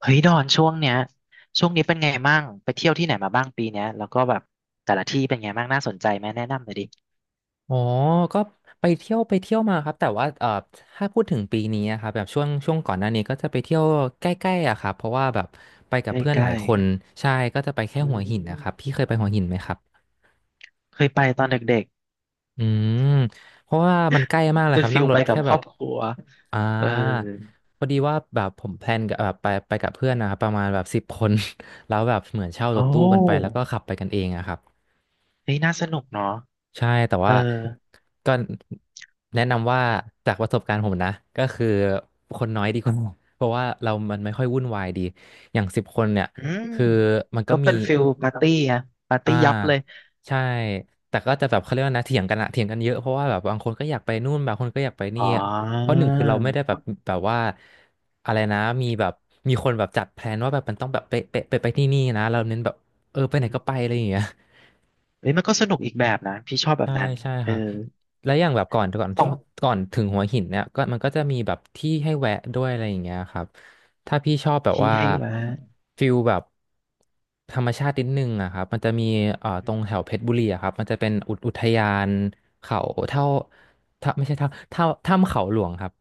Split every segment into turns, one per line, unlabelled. เฮ้ยดอนช่วงเนี้ยช่วงนี้เป็นไงบ้างไปเที่ยวที่ไหนมาบ้างปีเนี้ยแล้วก็แบบแต่ละที่เป็นไงบ้างน่าสนใจไหมแนะนำหน่อยดิ
อ๋อก็ไปเที่ยวมาครับ แต่ว่าถ้าพูดถึงปีนี้อะครับแบบช่วงก่อนหน้านี้ก็จะไปเที่ยวใกล้ๆอะครับ เพราะว่าแบบไปกับเพื่อน
ใก
หลา
ล้
ยคนใช่ก็จะไปแค่
ๆอื
หัวหินนะ
ม
ครับ พี่เคยไปหัวหินไหมครับ
เคยไปตอนเด็ก
อืมเพราะว่ามันใกล้มาก
ๆ
เลย
เป็
ค
น
รับ
ฟิ
นั่
ล
งร
ไป
ถ
กับ
แค่
ค
แบ
รอ
บ
บครัว
อ่า
เออ
พอดีว่าแบบผมแพลนกับแบบไปกับเพื่อนนะครับประมาณแบบสิบคน แล้วแบบเหมือนเช่าร
โอ้
ถตู้กันไปแล้วก็ขับไปกันเองอะครับ
เฮ้ยน่าสนุกเนาะ
ใช่แต่
เออ
ว่าก็แนะนำว่าจากประสบการณ์ผมนะก็คือคนน้อยดีกว่า เพราะว่าเรามันไม่ค่อยวุ่นวายดีอย่างสิบคนเนี่ย
อืม
คือมันก็
ก็
มี
เป็นฟิลปาร์ตี้อะปาร์
อ่า
ตี้ยับเลย
ใช่แต่ก็จะแบบเขาเรียกว่านะเถียงกันอะเถียงกันเยอะเพราะว่าแบบบางคนก็อยากไปนู่นบางคนก็อยากไปนี่
อ๋อ
เพราะหนึ่งคือเราไม่ได้แบบแบบว่าอะไรนะมีแบบมีคนแบบจัดแพลนว่าแบบมันต้องแบบไปที่นี่นะเราเน้นแบบเออไปไหนก็ไปอะไรอย่างเงี้ย
เฮ้ยมันก็สนุกอีกแบบนะพี่ชอบแบบ
ใช่
นั้น
ใช่ค
เอ
รับ
อ
และอย่างแบบก่อนก่อน
ของ
ก่อนถึงหัวหินเนี่ยก็มันก็จะมีแบบที่ให้แวะด้วยอะไรอย่างเงี้ยครับถ้าพี่ชอบแบบ
ที่
ว่า
ให้มา
ฟิลแบบธรรมชาตินิดนึงอะครับมันจะมีตรงแถวเพชรบุรีอะครับมันจะเป็นอุทยานเขาเท่าถ้าไม่ใช่ถ้าถ้าถ้ำเขาหลวงครับ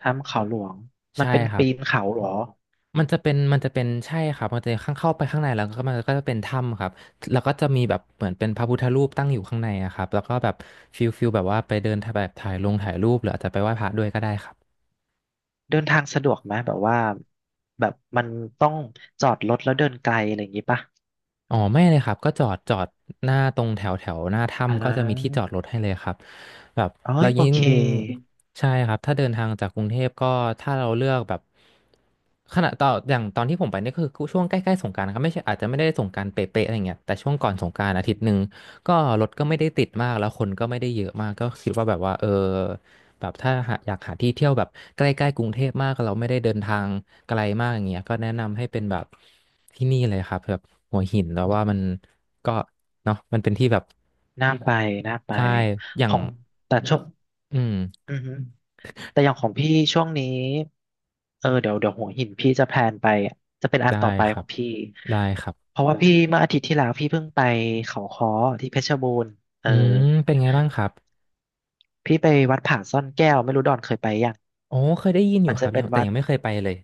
ทำเขาหลวงมัน
ใช่
เป็น
ครั
ปี
บ
นเขาเหรอ
มันจะเป็นใช่ครับมันจะข้างเข้าไปข้างในแล้วก็มันก็จะเป็นถ้ำครับแล้วก็จะมีแบบเหมือนเป็นพระพุทธรูปตั้งอยู่ข้างในอะครับแล้วก็แบบฟิลแบบว่าไปเดินถ่ายแบบถ่ายลงถ่ายรูปหรืออาจจะไปไหว้พระด้วยก็ได้ครับ
เดินทางสะดวกไหมแบบว่าแบบมันต้องจอดรถแล้วเดินไกลอะไรอย่างงี้ป่ะ
อ๋อไม่เลยครับก็จอดหน้าตรงแถวแถวหน้า
อ่
ถ้ำก็จะมีที่จ
า
อดรถให้เลยครับ แบบ
เอ้
เรา
ยโอ
ยิ่ง
เค
ใช่ครับถ้าเดินทางจากกรุงเทพก็ถ้าเราเลือกแบบขณะต่ออย่างตอนที่ผมไปนี่คือช่วงใกล้ๆสงกรานต์นะครับไม่ใช่อาจจะไม่ได้สงกรานต์เป๊ะๆอะไรเงี้ยแต่ช่วงก่อนสงกรานต์อา
อื
ทิตย์หนึ่ง
ม
ก็รถก็ไม่ได้ติดมากแล้วคนก็ไม่ได้เยอะมากก็คิดว่าแบบว่าเออแบบถ้าหาอยากหาที่เที่ยวแบบใกล้ๆกรุงเทพมากเราไม่ได้เดินทางไกลมากอย่างเงี้ยก็แนะนำให้เป็นแบบที่นี่เลยครับแบบหัวหินแล้วว่ามันก็เนาะมันเป็นที่แบบ
น่าไปน่าไป
ใช่อย่า
ข
ง
องแต่ช่วง
อืม
อือฮึแต่อย่างของพี่ช่วงนี้เออเดี๋ยวเดี๋ยวหัวหินพี่จะแพลนไปจะเป็นอัน
ได้
ต่อไป
ค
ข
รั
อง
บ
พี่
ได้ครับ
เพราะว่าพี่เมื่ออาทิตย์ที่แล้วพี่เพิ่งไปเขาค้อที่เพชรบูรณ์เอ
อื
อ
มเป็นไงบ้างครับ
พี่ไปวัดผาซ่อนแก้วไม่รู้ดอนเคยไปยัง
อ๋อเคยได้ยินอยู่
มัน
ค
จะ
รับ
เป็
ยั
น
งแต่
วัด
ยังไม่เคยไปเลย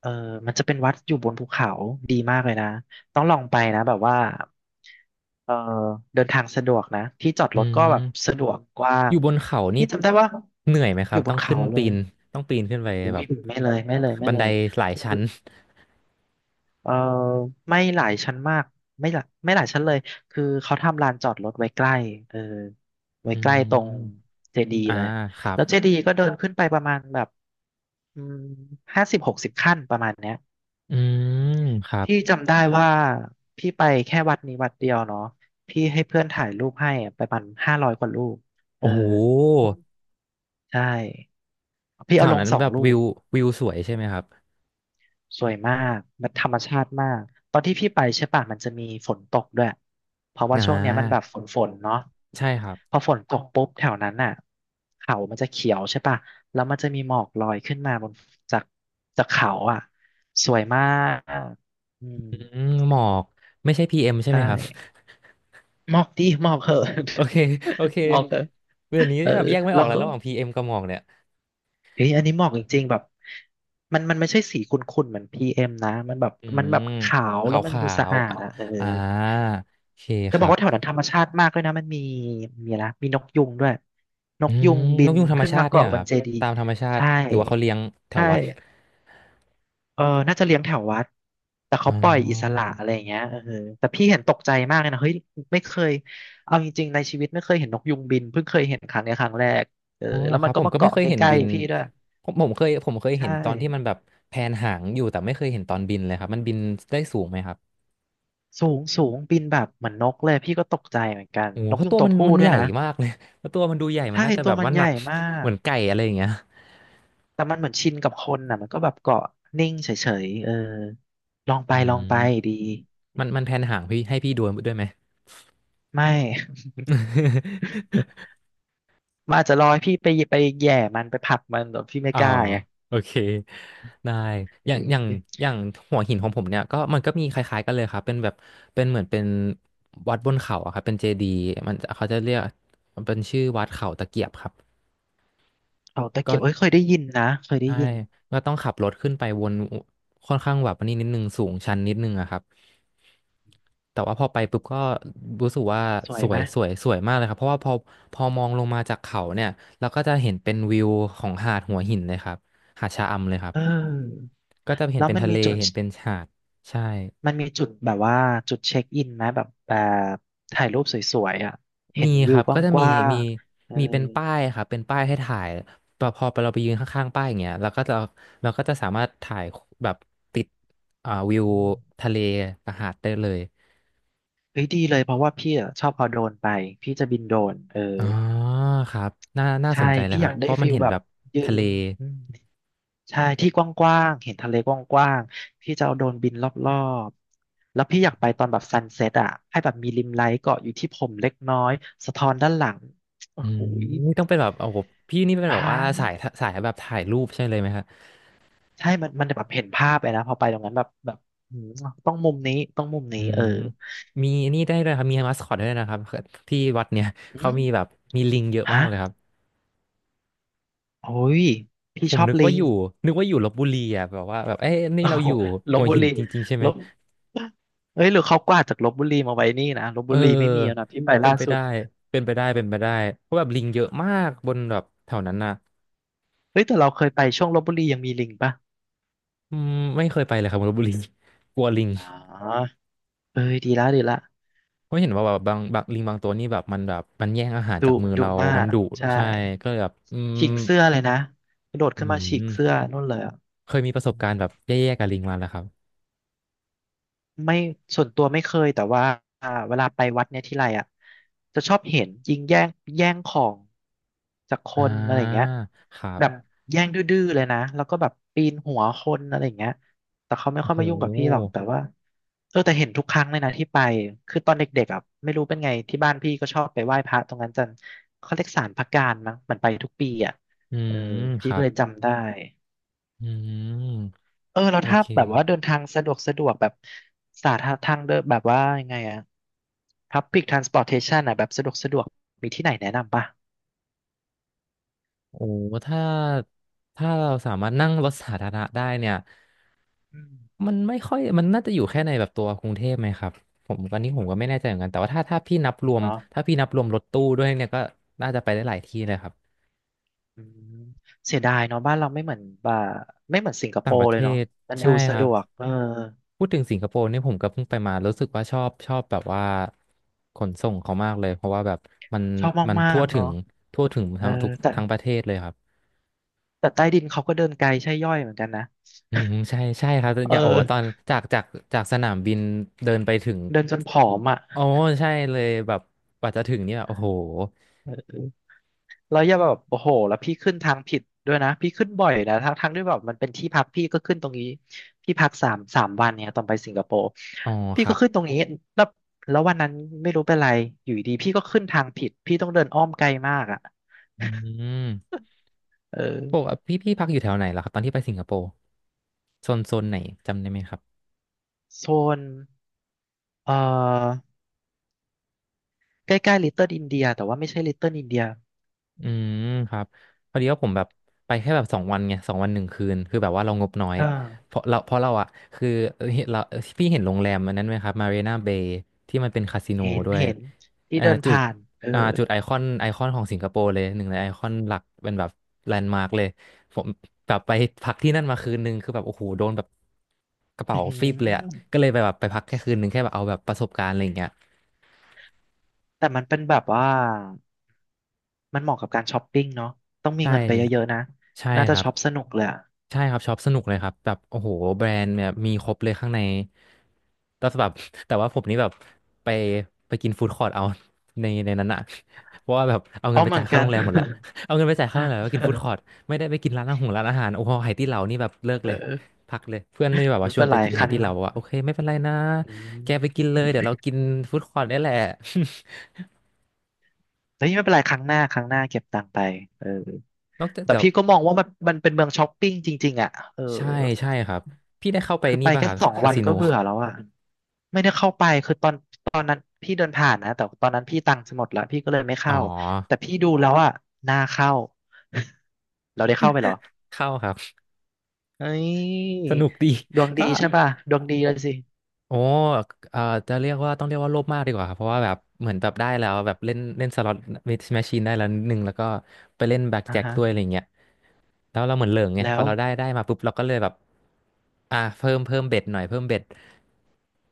เออมันจะเป็นวัดอยู่บนภูเขาดีมากเลยนะ ต้องลองไปนะแบบว่าเออเดินทางสะดวกนะที่จอด
อื
รถก็แบบ
ม
สะดวกกว้า
อ
ง
ยู่บนเขานี่
ที่จำได้ว่า
เหนื่อยไหมค
อ
รับ
ยู่บ
ต้อ
น
ง
เขา
ขึ้น
เล
ปี
ย
นต้องปีนขึ้นไป
อุ้
แบ
ย
บ
ไม่เลยไม่เลยไม่
บัน
เล
ได
ย
หลาย
คื
ชั้น
อเออไม่หลายชั้นมากไม่หลายชั้นเลยคือเขาทำลานจอดรถไว้ใกล้เออไว้
อื
ใกล้ตรง
ม
เจดีย์
อ่า
เลย
ครับ
แล้วเจดีย์ก็เดินขึ้นไปประมาณแบบอืม50 60 ขั้นประมาณเนี้ย
อืมครับ
พี่จำได้ว่าพี่ไปแค่วัดนี้วัดเดียวเนาะพี่ให้เพื่อนถ่ายรูปให้อะไปประมาณ500 กว่ารูปเออ
โอ้โห
ใช่พี่
แถ
เอา
ว
ลง
นั้น
สอ
แบ
ง
บ
รู
วิ
ป
ววิวสวยใช่ไหมครับ
สวยมากมันธรรมชาติมากตอนที่พี่ไปใช่ป่ะมันจะมีฝนตกด้วยเพราะว่า
อ่
ช่วงเนี้ยมันแบบ
า
ฝนเนาะ
ใช่ครับ
พอฝนตกปุ๊บแถวนั้นน่ะเขามันจะเขียวใช่ป่ะแล้วมันจะมีหมอกลอยขึ้นมาบนจากจากเขาอ่ะสวยมากอืม
อืมหมอกไม่ใช่พีเอ็มใช่
ใช่
ไหมครับ
มอบดิมอบเหอะ
โอเคโอเค
มอบเถอะ
เดี๋ยวนี้
เออ
แบบแยกไม่อ
แล้
อ
ว
กแล้ว
ก็
ระหว่างพีเอ็มกับหมอกเนี่ย
เฮ้ยอันนี้มอบจริงๆแบบมันไม่ใช่สีขุ่นๆเหมือนพีเอ็มนะมันแบบ
อื
มันแบบ
ม
ขาว
ขา
แล้ว
ว
มัน
ขา
ดูสะ
ว
อา
อ่ะ
ดอ่ะเออ
อ่าโอเค
จะ
ค
บอ
รั
ก
บ
ว่าแถวนั้นธรรมชาติมากเลยนะมันมีมีนะมีนกยุงด้วยน
อื
กยุ
ม
งบิ
นก
น
ยูงธรรม
ขึ้น
ชา
มา
ติเนี่ย
เกาะ
เหรอ
บ
ค
น
รับ
เจดีย์
ตามธรรมชาติ
ใช่
หรือว่าเขาเลี้ยงแถ
ใช
ววัด
่ เออน่าจะเลี้ยงแถววัดแต่
อ๋
เขา
อ
ปล่อยอิสระอะไรอย่างเงี้ยเออแต่พี่เห็นตกใจมากเลยนะเฮ้ยไม่เคยเอาจริงๆในชีวิตไม่เคยเห็นนกยุงบินเพิ่งเคยเห็นครั้งเนี้ยครั้งแรกเออ
อ๋อเหร
แล้
อ
ว
ค
มั
รั
น
บ
ก็
ผม
มา
ก็ไม่
เกาะ
เคย
ใก
เห็น
ล้
บิน
ๆพี่ด้วย
ผมเคย
ใช
เห็นตอนที่มั
่
นแบบแผนหางอยู่แต่ไม่เคยเห็นตอนบินเลยครับมันบินได้สูงไหมครับ
สูงสูงบินแบบเหมือนนกเลยพี่ก็ตกใจเหมือนกัน
โอ้โห
นก
เพราะ
ยุง
ตัว
ตัว
มัน
ผู้
มัน
ด้
ให
วย
ญ่
นะ
มากเลย เพราะตัวมันดูใหญ่มัน
ใช่
น่าจะ
ตั
แบ
ว
บ
มัน
ว่าห
ให
นั
ญ่
ก
มา
เห
ก
มือนไก่อะไรอย่างเงี้ย
แต่มันเหมือนชินกับคนน่ะมันก็แบบเกาะนิ่งเฉยๆเออลองไป
อื
ลองไป
ม
ดี
มันแผนหางพี่ให้พี่ดูด้วยไหม
ไม่ มันอาจจะรอให้พี่ไปแหย่มันผลักมันแต่พี่ไม่
อ๋อ
กล้าไง
โอเคได้อย่างอย่างอย่างหัวหินของผมเนี่ยก็มันก็มีคล้ายๆกันเลยครับเป็นแบบเป็นเหมือนเป็นวัดบนเขาอะครับเป็นเจดีย์มันเขาจะเรียกมันเป็นชื่อวัดเขาตะเกียบครับ
เขาตะเกียบเอ้ยเคยได้ยินนะเคยได้
ใช่
ยิน
ก็ต้องขับรถขึ้นไปวนค่อนข้างแบบอันนี้นิดนึงสูงชันนิดนึงอะครับแต่ว่าพอไปปุ๊บก็รู้สึกว่า
สว
ส
ย
ว
ไหม
ย
ม
สวยสวยมากเลยครับเพราะว่าพอมองลงมาจากเขาเนี่ยเราก็จะเห็นเป็นวิวของหาดหัวหินเลยครับหาดชะอำเลยครับ
เออ
ก็จะเห็น
แล้ว
เป็น
มัน
ทะเล
มีจุด
เห็นเป็นหาดใช่
แบบว่าจุดเช็คอินไหมแบบบถ่ายรูปสวยๆอ่ะเห็
มี
น
ค
วิว
รับ
ก
ก็จะมี
ว้า
มี
งๆเออ
มีเป็นป้ายครับเป็นป้ายให้ถ่ายพอพอเราไปยืนข้างๆป้ายอย่างเงี้ยเราก็จะสามารถถ่ายแบบติด
อ
วิว
ืม
ทะเลกับหาดได้เลย
เฮ้ยดีเลยเพราะว่าพี่อะชอบเอาโดรนไปพี่จะบินโดรนเออ
อ๋อครับน่า
ใช่
สนใจเลย
พี่
ค
อ
รับ
ยาก
เพ
ได้
ราะมั
ฟิ
น
ล
เห็น
แบ
แบ
บ
บ
ยื
ทะ
น
เล
ใช่ที่กว้างๆ เห็นทะเลกว้างๆ พี่จะเอาโดรนบินรอบๆ แล้วพี่อยากไปตอนแบบซันเซ็ตอ่ะ ให้แบบมีริมไลท์เกาะอยู่ที่ผมเล็กน้อยสะท้อนด้านหลังโอ้
อื
โห
ม
ย
นี่ต้องเป็นแบบโอ้โหพี่นี่เป็น
ต
แบบ
า
ว่า
ย
สายสายแบบถ่ายรูปใช่เลยไหมครับ
ใช่มันแบบเห็นภาพเลยนะพอไปตรงนั้นแบบอืมต้องมุมนี้
อื
เอ
ม
อ
มีนี่ได้ด้วยครับมีมาสคอตด้วยนะครับที่วัดเนี่ย
อื
เขามีแบ
ม
บมีลิงเยอะมา
ฮะ
กเลยครับ
โอ้ย พี่
ผ
ช
ม
อบ
นึกว่า
ลิ
อ
ง
ยู่นึกว่าอยู่ลพบุรีอ่ะแบบว่าแบบเอ้ยนี่
โอ้
เรา
โห
อยู่
ล
หั
พ
ว
บุ
หิน
รี
จริงๆใช่ไห
ล
ม
พเอ้ยหรือเขากวาดจากลพบุรีมาไว้นี่นะลพ
เอ
บุ
อ
รีไม่มีแล้วนะพี่ไป
เป็น
ล่า
ไป
สุ
ได้
ด
เป็นไปได้เป็นไปได้เพราะแบบลิงเยอะมากบนแบบแถวนั้นน่ะ
เฮ้ยแต่เราเคยไปช่วงลพบุรียังมีลิงปะ
อืมไม่เคยไปเลยครับลพบุรี กลัวลิง
อ๋อเอ้ยดีละดีละ
เพราะเห็นว่าแบบบางลิงบางตัวนี่แบบมันแย่งอาหาร
ดุ
จากมือ
ดุ
เรา
มา
มัน
ก
ดุ
ใช่
ใช่ก็เลยแบบอืม
ฉีกเสื้อเลยนะกระโดด
อื
ขึ้นมาฉีกเสื้อ
ม
นู่นเลยอ่ะ
เคยมีประสบ
อื
กา
ม
รณ์แบบแย่ๆกับลิงมาแล้วครับ
ไม่ส่วนตัวไม่เคยแต่ว่าอ่าเวลาไปวัดเนี่ยทีไรอ่ะจะชอบเห็นยิงแย่งของจากค
อ่
นอะไรอย่า
า
งเงี้ย
ครั
แบอบ
บ
แย่งดื้อๆเลยนะแล้วก็แบบปีนหัวคนอะไรอย่างเงี้ยแต่เขาไม่
โอ้
ค่อย
โห
มายุ่งกับพี่หรอกแต่ว่าเออแต่เห็นทุกครั้งเลยนะที่ไปคือตอนเด็กๆอ่ะไม่รู้เป็นไงที่บ้านพี่ก็ชอบไปไหว้พระตรงนั้นจันเขาเรียกศาลพระการมั้งมันไปทุกปีอ่ะ
อื
เออ
มค
พี่
รั
ก็
บ
เลยจำได้
อืม
เออแล้ว
โอ
ถ้า
เค
แบบว่าเดินทางสะดวกสะดวกแบบสาธารทางเดินแบบว่ายังไงอะ Public Transportation อะแบบสะดวกสะดวกมีที่ไหนแนะนำป่ะ
โอ้ถ้า ถ้าเราสามารถนั่งรถสาธารณะได้เนี่ย
อืม
มันไม่ค่อยมันน่าจะอยู่แค่ในแบบตัวกรุงเทพไหมครับผมตอนนี้ผมก็ไม่แน่ใจเหมือนกันแต่ว่าถ้าพี่นับรวม
เนาะ
ถ้าพี่นับรวมรถตู้ด้วยเนี่ยก็น่าจะไปได้หลายที่เลยครับ
อืมเสียดายเนาะบ้านเราไม่เหมือนบ่าไม่เหมือนสิงคโป
ต่างป
ร์
ระ
เล
เท
ยเนาะ
ศ
มัน
ใช่
ดู
ค
สะ
รั
ด
บ
วกเออ
พูดถึงสิงคโปร์เนี่ยผมก็เพิ่งไปมา รู้สึกว่าชอบแบบว่าขนส่งเขามากเลยเพราะว่าแบบมัน
ชอบ
มัน
มา
ทั่ว
กๆ
ถึ
เนาะ
ง
เออ
ทั้งทุก
แต่
ทั้งประเทศเลยครับ
แต่ใต้ดินเขาก็เดินไกลใช่ย่อยเหมือนกันนะ
อืมใช่ใช่ครับอ
เอ
ย่างโอ้ตอน
อ
จากจากสนามบินเดินไปถึง
เดินจนผอมอ่ะ
โอ้ใช่เลยแบบกว่าจะถึงเนี่ยโอ้โห
เออ แล้วอย่าแบบโอ้โหแล้วพี่ขึ้นทางผิดด้วยนะพี่ขึ้นบ่อยนะทั้งทั้งที่แบบมันเป็นที่พักพี่ก็ขึ้นตรงนี้พี่พักสามสามวันเนี่ยตอนไปสิงคโปร์
อ๋อ
พี่
ครั
ก็
บ
ขึ้นตรงนี้แล้วแล้ววันนั้นไม่รู้เป็นไรอยู่ดีพี่ก็ขึ้นทางผิดพี่ต้องเดินอ้อมไกลมากอ่ะ
อืม
เออ
ปกติพี่พักอยู่แถวไหนล่ะครับตอนที่ไปสิงคโปร์โซนไหนจำได้ไหมครับ
โซนเอ่อใกล้ๆลิตเติ้ลอินเดียแต่ว่าไม่ใช่ลิตเติ้ลอินเดีย
อืมครับพอดีว่าผมแบบไปแค่แบบสองวันไง2 วัน 1 คืนคือแบบว่าเรางบน้อย
เออ
เพราะเราอะคือเราพี่เห็นโรงแรมอันนั้นไหมครับมารีนาเบย์ที่มันเป็นคาสิโน
เห็น
ด้วย
เห็นที่
อ่า
เดิน
จุด
ผ่านเออ
อ่าจุดไอคอนของสิงคโปร์เลยหนึ่งในไอคอนหลักเป็นแบบแลนด์มาร์กเลยผมแบบไปพักที่นั่นมาคืนนึงคือแบบโอ้โหโดนแบบกระ
อื
เป๋า
อหื
ฟีบเลยอะ
อ
ก็เลยไปแบบไปพักแค่คืนนึงแค่แบบเอาแบบประสบการณ์อะไรอย่างเงี้ย
แต่มันเป็นแบบว่า มันเหมาะกับการช้อปปิ้งเนาะต้องมี
ใช่
เงินไปเยอะๆนะ
ใช่
น่า
ค
จะ
รับ
ช็อปสนุกเลยอะ
ใช่ครับช็อปสนุกเลยครับแบบโอ้โหแบรนด์แบบมีครบเลยข้างในแต่แบบ แต่ว่าผมนี่แบบไปไปกินฟู้ดคอร์ทเอา ในนั้นอะเพราะว่าแบบเอาเงิ
อ๋อ
นไป
เหมื
จ่า
อ
ย
น
ค่า
กั
โร
น
งแรมหมดแล้ว เอาเงินไปจ่ายค่าโรงแรมแล้วก็กินฟู้ดค อร์ทไม่ได้ไปกินร้านอาหารโอ้โหไหตี้เหลานี่แบบเลิกเลย
เออ
พักเลยเพื่อนนี่แบบว่า
ไม่
ชว
เป็
น
น
ไป
ไร
กิน
ค
ไห
รั้ง
ตี้
ห
เหลา
น้า
บอกว่าโอเคไม่เป็นไรนะ
อื
แกไป
ม
กินเลยเดี๋ยวเรากินฟู้ดคอร์ทได้แหละ
เฮ้ยไม่เป็นไรครั้งหน้าครั้งหน้าเก็บตังค์ไปเออ
นอกจาก
แต่
แบบ
พี่ก็มองว่ามันมันเป็นเมืองช้อปปิ้งจริงๆอ่ะเออ
ใช่ใช่ครับพี่ได้เข้าไป
คือไป
นี่ป่ะ
แค่
ครับ
สอง
คา
วัน
สิโน
ก็เบื่อแล้วอ่ะไม่ได้เข้าไปคือตอนตอนนั้นพี่เดินผ่านนะแต่ตอนนั้นพี่ตังค์จะหมดแล้วพี่ก็เลยไม่
อ๋อ
เข้าแต่พี่ดูแล้วอ่ะน่าเข้า เราได้เข้าไปเหรอ
เข้าครับ
เฮ้ย
สนุกดี
ดวง
ก็
ดีใช่ป่ะดวงดี
โอ
เลยสิ
โอ้เอ่อจะเรียกว่าต้องเรียกว่าโลภมากดีกว่าครับเพราะว่าแบบเหมือนแบบได้แล้วแบบเล่นเล่นสล็อตแมชชีนได้แล้วนิดนึงแล้วก็ไปเล่นแบล็ก
อ่า
แจ็ค
ฮะ
ด้วยอะไรเงี้ยแล้วเราเหมือนเหลิงไง
แล้
พอ
ว
เราได้มาปุ๊บเราก็เลยแบบอ่าเพิ่มเบ็ดหน่อยเพิ่มเบ็ด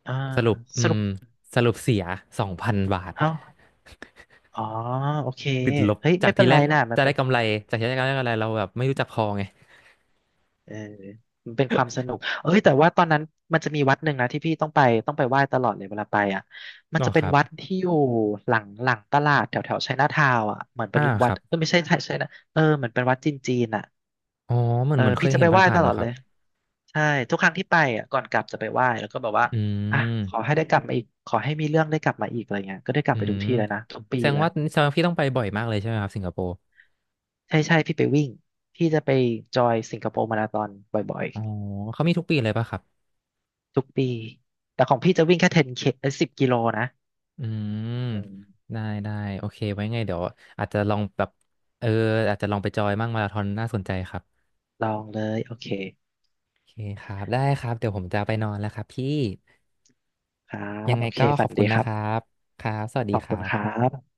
อ่า
สรุปอื
สรุ
ม
ป
สรุปเสีย2,000 บาท
เอ้าอ๋อโอเค
ติดลบ
เฮ้ย
จา
ไม่
ก
เป็
ที่
น
แร
ไร
ก
น่ะมัน
จะ
เป็
ได้
น
กำไรจากที่แรกจะได้กำไรเราแบบไม่รู้จักพอไง
เออมันเป็นความสนุกเอ้ยแต่ว่าตอนนั้นมันจะมีวัดหนึ่งนะที่พี่ต้องไปต้องไปไหว้ตลอดเลยเวลาไปอ่ะมัน
อ๋อ
จะเป็
ค
น
รับ
วัดที่อยู่หลังหลังตลาดแถวแถวไชน่าทาวน์อ่ะเหมือนเป็
อ่า
น
ค
วัด
รับ
เออไม่ใช่ไชน่าเออเหมือนเป็นวัดจีนจีนอ่ะ
อ๋อเหมือ
เอ
น
อ
เหมือนเค
พี่
ย
จะ
เห็
ไป
น
ไหว้
ผ่าน
ต
ๆอ
ล
ยู่
อด
ค
เล
รับ
ย ใช่ทุกครั้งที่ไปอ่ะก่อนกลับจะไปไหว้แล้วก็แบบว่า
อื
อ่ะขอ
ม
ให้ได้กลับมาอีกขอให้มีเรื่องได้กลับมาอีกอะไรเงี้ยก็ได้กลั
อื
บไปทุก
ม
ที่เลยนะทุกปี
แสดง
เลย
ว่าแสดงว่าพี่ต้องไปบ่อยมากเลยใช่ไหมครับสิงคโปร์
ใช่ใช่พี่ไปวิ่งพี่จะไปจอยสิงคโปร์มาราธอนบ่อย
อ๋อเขามีทุกปีเลยป่ะครับ
ๆทุกปีแต่ของพี่จะวิ่งแค่ 10K เคเอ้ย10 กิโลนะ
อืม
อืม
ได้ได้โอเคไว้ไงเดี๋ยวอาจจะลองแบบเอออาจจะลองไปจอยมั่งมาราธอนน่าสนใจครับ
ลองเลยโอเค
โอเคครับได้ครับเดี๋ยวผมจะไปนอนแล้วครับพี่
ครั
ยั
บ
งไง
โอเค
ก็ข
ฝั
อ
น
บคุ
ดี
ณ
ค
นะ
รั
ค
บ
รับครับสวัส
ข
ดี
อบ
ค
คุ
รั
ณครั
บ
บ